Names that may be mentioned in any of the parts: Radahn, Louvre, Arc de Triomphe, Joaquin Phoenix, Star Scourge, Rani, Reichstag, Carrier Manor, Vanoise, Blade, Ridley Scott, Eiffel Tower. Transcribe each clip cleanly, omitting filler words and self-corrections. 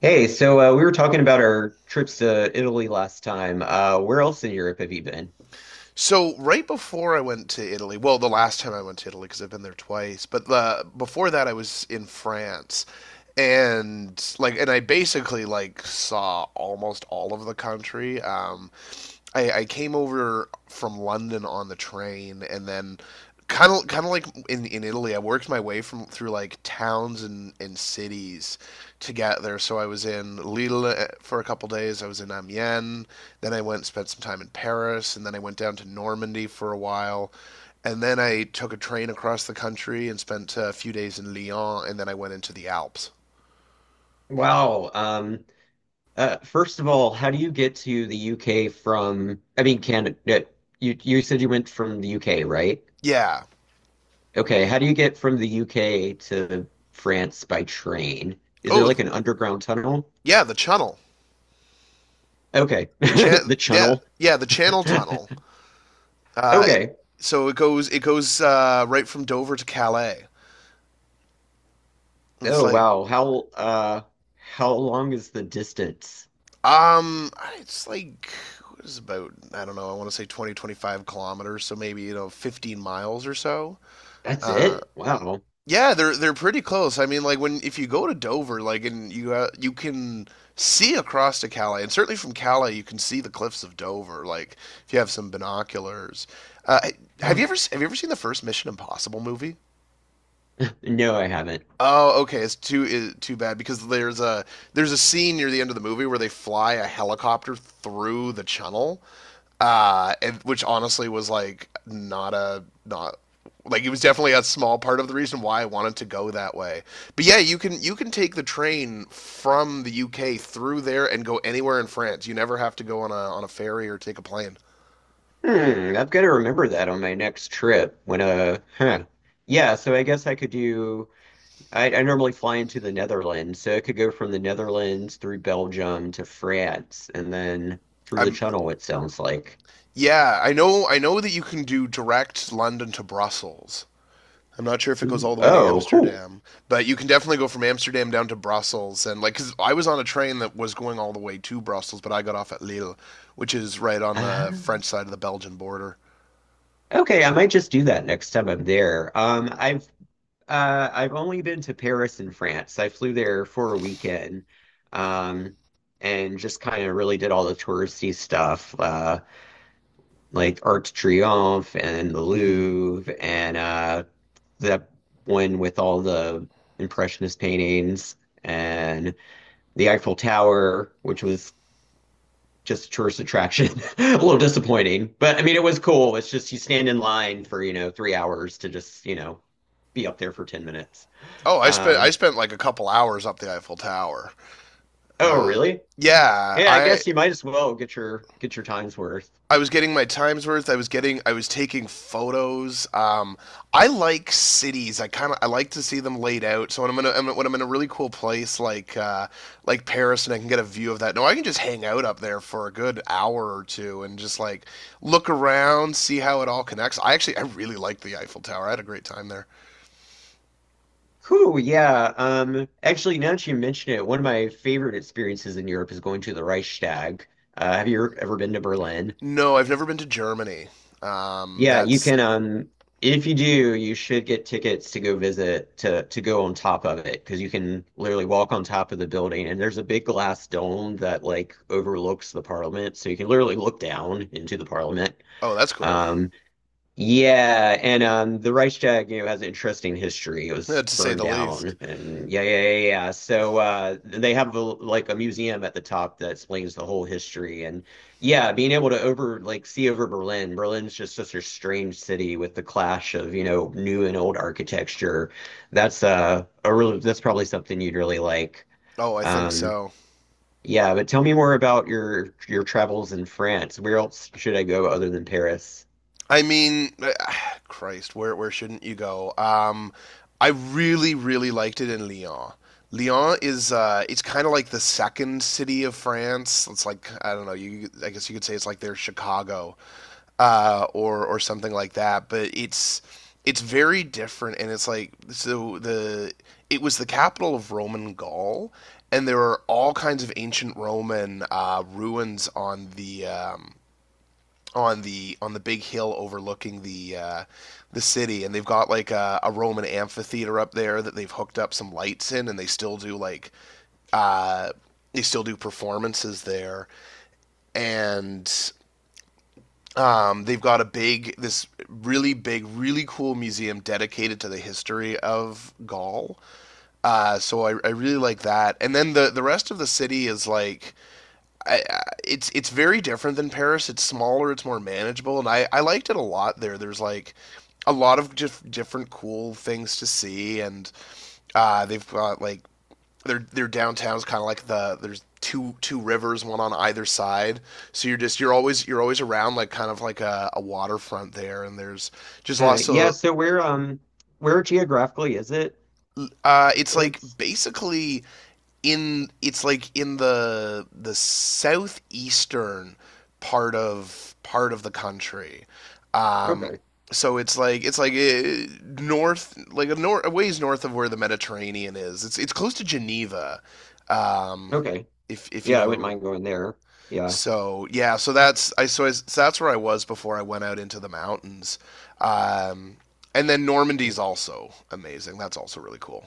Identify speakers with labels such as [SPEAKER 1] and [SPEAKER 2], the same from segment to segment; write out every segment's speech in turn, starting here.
[SPEAKER 1] Hey, we were talking about our trips to Italy last time. Where else in Europe have you been?
[SPEAKER 2] So right before I went to Italy, well, the last time I went to Italy because I've been there twice, but before that I was in France, and, like, and I basically like saw almost all of the country. I came over from London on the train, and then kind of like in Italy, I worked my way from through like towns and cities to get there. So I was in Lille for a couple days. I was in Amiens. Then I went and spent some time in Paris, and then I went down to Normandy for a while. And then I took a train across the country and spent a few days in Lyon, and then I went into the Alps.
[SPEAKER 1] Wow. First of all, how do you get to the UK from, I mean, Canada? uh, you said you went from the UK, right?
[SPEAKER 2] Yeah.
[SPEAKER 1] Okay, how do you get from the UK to France by train? Is there
[SPEAKER 2] Oh,
[SPEAKER 1] like an underground tunnel?
[SPEAKER 2] yeah, the Channel.
[SPEAKER 1] Okay,
[SPEAKER 2] The chan
[SPEAKER 1] the
[SPEAKER 2] Yeah,
[SPEAKER 1] channel.
[SPEAKER 2] yeah, the Channel Tunnel. Uh,
[SPEAKER 1] Okay.
[SPEAKER 2] so it goes right from Dover to Calais. it's
[SPEAKER 1] Oh
[SPEAKER 2] like
[SPEAKER 1] wow. How long is the distance?
[SPEAKER 2] um, it's like, what is it, about, I don't know. I want to say 20, 25 kilometers, so maybe 15 miles or so.
[SPEAKER 1] That's
[SPEAKER 2] Uh,
[SPEAKER 1] it? Wow.
[SPEAKER 2] yeah, they're pretty close. I mean, like when if you go to Dover, like, and you can see across to Calais, and certainly from Calais you can see the cliffs of Dover. Like, if you have some binoculars. Uh, have you ever seen the first Mission Impossible movie?
[SPEAKER 1] No, I haven't.
[SPEAKER 2] Oh, okay. It's too bad because there's a scene near the end of the movie where they fly a helicopter through the channel, and which honestly was like not a not like it was definitely a small part of the reason why I wanted to go that way. But yeah, you can take the train from the UK through there and go anywhere in France. You never have to go on a ferry or take a plane.
[SPEAKER 1] Hmm, I've got to remember that on my next trip when uh huh. Yeah, so I guess I could do I normally fly into the Netherlands, so I could go from the Netherlands through Belgium to France and then through the
[SPEAKER 2] I'm
[SPEAKER 1] tunnel, it sounds like.
[SPEAKER 2] yeah, I know that you can do direct London to Brussels. I'm not sure if it goes
[SPEAKER 1] Ooh,
[SPEAKER 2] all the way to
[SPEAKER 1] oh, cool.
[SPEAKER 2] Amsterdam, but you can definitely go from Amsterdam down to Brussels. And, like, cause I was on a train that was going all the way to Brussels, but I got off at Lille, which is right on the
[SPEAKER 1] Uh,
[SPEAKER 2] French side of the Belgian border.
[SPEAKER 1] okay, I might just do that next time I'm there. I've only been to Paris in France. I flew there for a weekend. Um, and just kind of really did all the touristy stuff. Uh, like Arc de Triomphe and the
[SPEAKER 2] Hmm.
[SPEAKER 1] Louvre and uh, that one with all the Impressionist paintings and the Eiffel Tower, which was just a tourist attraction. A little disappointing, but I mean, it was cool. It's just you stand in line for, you know, 3 hours to just, you know, be up there for 10 minutes.
[SPEAKER 2] Oh, I spent I
[SPEAKER 1] Um,
[SPEAKER 2] spent like a couple hours up the Eiffel Tower.
[SPEAKER 1] oh,
[SPEAKER 2] Uh,
[SPEAKER 1] really?
[SPEAKER 2] yeah,
[SPEAKER 1] Yeah, I
[SPEAKER 2] I
[SPEAKER 1] guess you might as well get your time's worth.
[SPEAKER 2] I was getting my times worth. I was taking photos. I like cities. I kind of I like to see them laid out. So when I'm in a really cool place like Paris, and I can get a view of that. No, I can just hang out up there for a good hour or two and just like look around, see how it all connects. I actually I really like the Eiffel Tower. I had a great time there.
[SPEAKER 1] Cool, yeah. Actually, now that you mention it, one of my favorite experiences in Europe is going to the Reichstag. Have you ever been to Berlin?
[SPEAKER 2] No, I've never been to Germany.
[SPEAKER 1] Yeah, you
[SPEAKER 2] That's
[SPEAKER 1] can. If you do, you should get tickets to go visit to go on top of it because you can literally walk on top of the building, and there's a big glass dome that like overlooks the parliament, so you can literally look down into the parliament.
[SPEAKER 2] oh, that's cool.
[SPEAKER 1] Um, yeah, and the Reichstag, you know, has an interesting history. It
[SPEAKER 2] Yeah,
[SPEAKER 1] was
[SPEAKER 2] to say
[SPEAKER 1] burned
[SPEAKER 2] the least.
[SPEAKER 1] down, and yeah, yeah, yeah, yeah, yeah. So they have like a museum at the top that explains the whole history, and yeah, being able to over like see over Berlin. Berlin's just such a strange city with the clash of, you know, new and old architecture. That's probably something you'd really like.
[SPEAKER 2] Oh, I think
[SPEAKER 1] Um,
[SPEAKER 2] so.
[SPEAKER 1] yeah, but tell me more about your travels in France. Where else should I go other than Paris?
[SPEAKER 2] I mean, Christ, where shouldn't you go? I really really liked it in Lyon. Lyon is it's kind of like the second city of France. It's like, I don't know, You I guess you could say it's like their Chicago, or something like that. But it's very different, and it's like, so, the it was the capital of Roman Gaul, and there are all kinds of ancient Roman ruins on the big hill overlooking the city, and they've got like a Roman amphitheater up there that they've hooked up some lights in, and they still do uh, performances there, and they've got a big this really big, really cool museum dedicated to the history of Gaul. So I really like that, and then the rest of the city is like it's very different than Paris. It's smaller, it's more manageable, and I liked it a lot there. There's like a lot of just different cool things to see, and they've got like their downtown's kind of like there's two rivers, one on either side. So you're always around like kind of like a waterfront there, and there's just lots
[SPEAKER 1] Yeah,
[SPEAKER 2] of,
[SPEAKER 1] so where geographically is it in
[SPEAKER 2] it's like
[SPEAKER 1] France?
[SPEAKER 2] basically in it's like in the southeastern part of the country. Um,
[SPEAKER 1] Okay.
[SPEAKER 2] so it's like north, like a, nor- a ways north of where the Mediterranean is. It's close to Geneva, um,
[SPEAKER 1] Okay.
[SPEAKER 2] if you
[SPEAKER 1] Yeah, I wouldn't
[SPEAKER 2] know.
[SPEAKER 1] mind going there. Yeah.
[SPEAKER 2] So yeah, so that's where I was before I went out into the mountains, um, and then Normandy's also amazing. That's also really cool.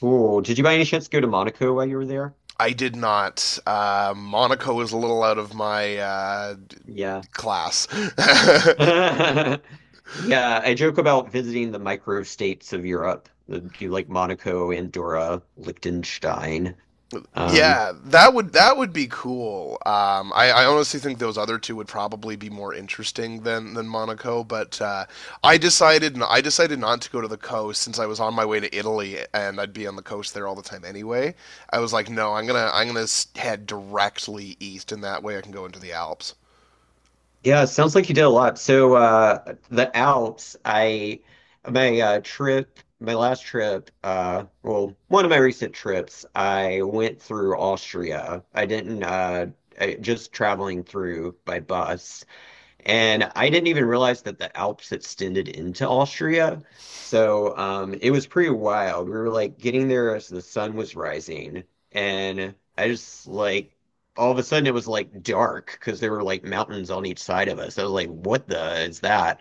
[SPEAKER 1] Cool. Did you by any chance go to Monaco while you were there?
[SPEAKER 2] I did not. Monaco is a little out of my
[SPEAKER 1] Yeah.
[SPEAKER 2] class.
[SPEAKER 1] Yeah, I joke about visiting the micro states of Europe, the, do like Monaco, Andorra, Liechtenstein. Um,
[SPEAKER 2] Yeah, that would be cool. I honestly think those other two would probably be more interesting than Monaco. But I decided not to go to the coast since I was on my way to Italy and I'd be on the coast there all the time anyway. I was like, no, I'm gonna head directly east, and that way I can go into the Alps.
[SPEAKER 1] Yeah, it sounds like you did a lot. The Alps, my last trip, well, one of my recent trips, I went through Austria. I didn't I, just traveling through by bus. And I didn't even realize that the Alps extended into Austria. So it was pretty wild. We were like getting there as the sun was rising. And I just like, all of a sudden it was like dark because there were like mountains on each side of us. I was like, what the is that?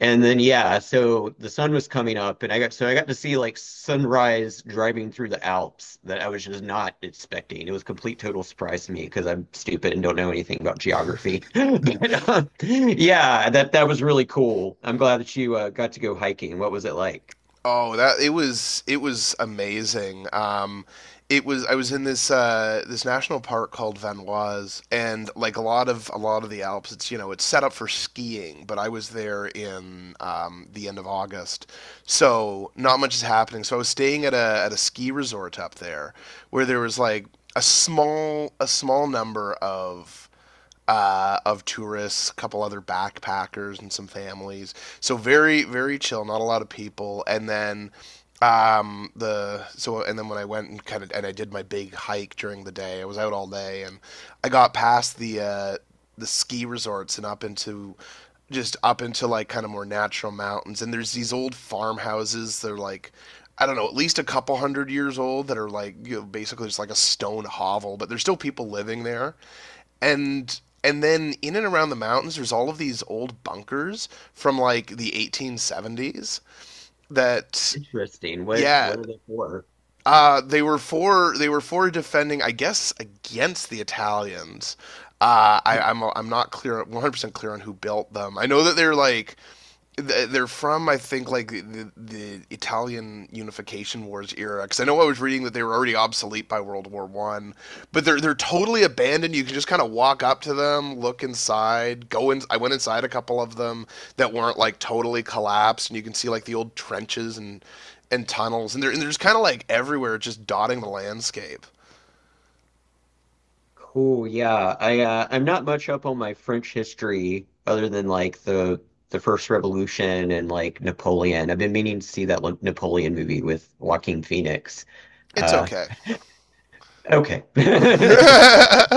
[SPEAKER 1] And then yeah, so the sun was coming up and I got to see like sunrise driving through the Alps that I was just not expecting. It was a complete total surprise to me because I'm stupid and don't know anything about geography. But yeah, that was really cool. I'm glad that you got to go hiking. What was it like?
[SPEAKER 2] Oh, that it was amazing. It was I was in this national park called Vanoise, and like a lot of the Alps, it's you know it's set up for skiing, but I was there in the end of August, so not much is happening. So I was staying at a ski resort up there, where there was like a small number of tourists, a couple other backpackers, and some families. So very, very chill, not a lot of people. And then the so and then when I went and kind of and I did my big hike during the day. I was out all day, and I got past the ski resorts and up into like kind of more natural mountains. And there's these old farmhouses. They're like, I don't know, at least a couple hundred years old, that are like, basically just like a stone hovel, but there's still people living there, and then in and around the mountains there's all of these old bunkers from like the 1870s that
[SPEAKER 1] Interesting. What
[SPEAKER 2] yeah
[SPEAKER 1] what are they for?
[SPEAKER 2] they were for defending, I guess, against the Italians. I'm not clear 100% clear on who built them. I know that they're from, I think, like the Italian Unification Wars era. Because I know I was reading that they were already obsolete by World War I, but they're totally abandoned. You can just kind of walk up to them, look inside, go in. I went inside a couple of them that weren't like totally collapsed, and you can see like the old trenches and tunnels, and they're just kind of like everywhere, just dotting the landscape.
[SPEAKER 1] Cool. Yeah. I'm not much up on my French history other than like the First Revolution and like Napoleon. I've been meaning to see that, like, Napoleon movie with Joaquin Phoenix.
[SPEAKER 2] It's
[SPEAKER 1] Uh,
[SPEAKER 2] okay.
[SPEAKER 1] okay.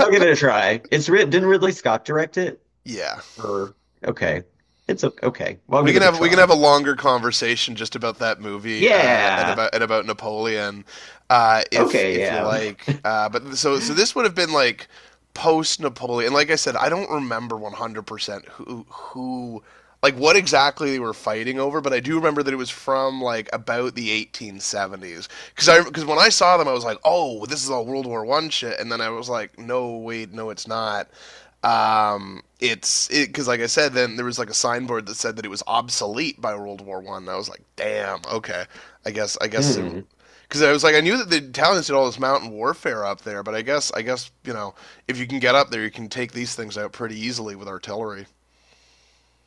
[SPEAKER 1] I'll give it a try. It's writ Didn't Ridley Scott direct it?
[SPEAKER 2] Yeah.
[SPEAKER 1] Or okay. It's o- okay. Well, I'll
[SPEAKER 2] We
[SPEAKER 1] give
[SPEAKER 2] can
[SPEAKER 1] it a
[SPEAKER 2] have we can have
[SPEAKER 1] try.
[SPEAKER 2] a longer conversation just about that movie, and
[SPEAKER 1] Yeah.
[SPEAKER 2] about and about Napoleon, if
[SPEAKER 1] Okay,
[SPEAKER 2] you
[SPEAKER 1] yeah.
[SPEAKER 2] like. But so this would have been like post Napoleon. Like I said, I don't remember 100%, who like what exactly they were fighting over, but I do remember that it was from like about the 1870s. Because when I saw them, I was like, oh, this is all World War I shit, and then I was like, no, wait, no, it's not. It's it because, like I said, then there was like a signboard that said that it was obsolete by World War One. I was like, damn, okay, I guess,
[SPEAKER 1] Hmm.
[SPEAKER 2] because I was like, I knew that the Italians did all this mountain warfare up there, but I guess, if you can get up there, you can take these things out pretty easily with artillery.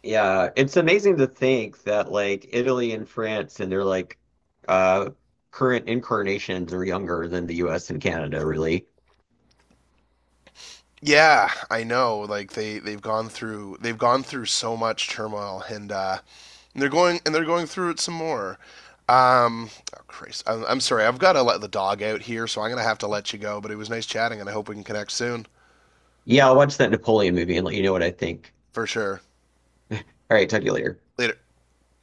[SPEAKER 1] Yeah, it's amazing to think that like Italy and France and their like uh current incarnations are younger than the US and Canada, really.
[SPEAKER 2] Yeah, I know. Like they've gone through so much turmoil, and they're going through it some more. Um, oh, Christ, I'm sorry. I've got to let the dog out here, so I'm gonna have to let you go. But it was nice chatting, and I hope we can connect soon,
[SPEAKER 1] Yeah, I'll watch that Napoleon movie and let you know what I think.
[SPEAKER 2] for sure.
[SPEAKER 1] All right, talk to you later.
[SPEAKER 2] Later.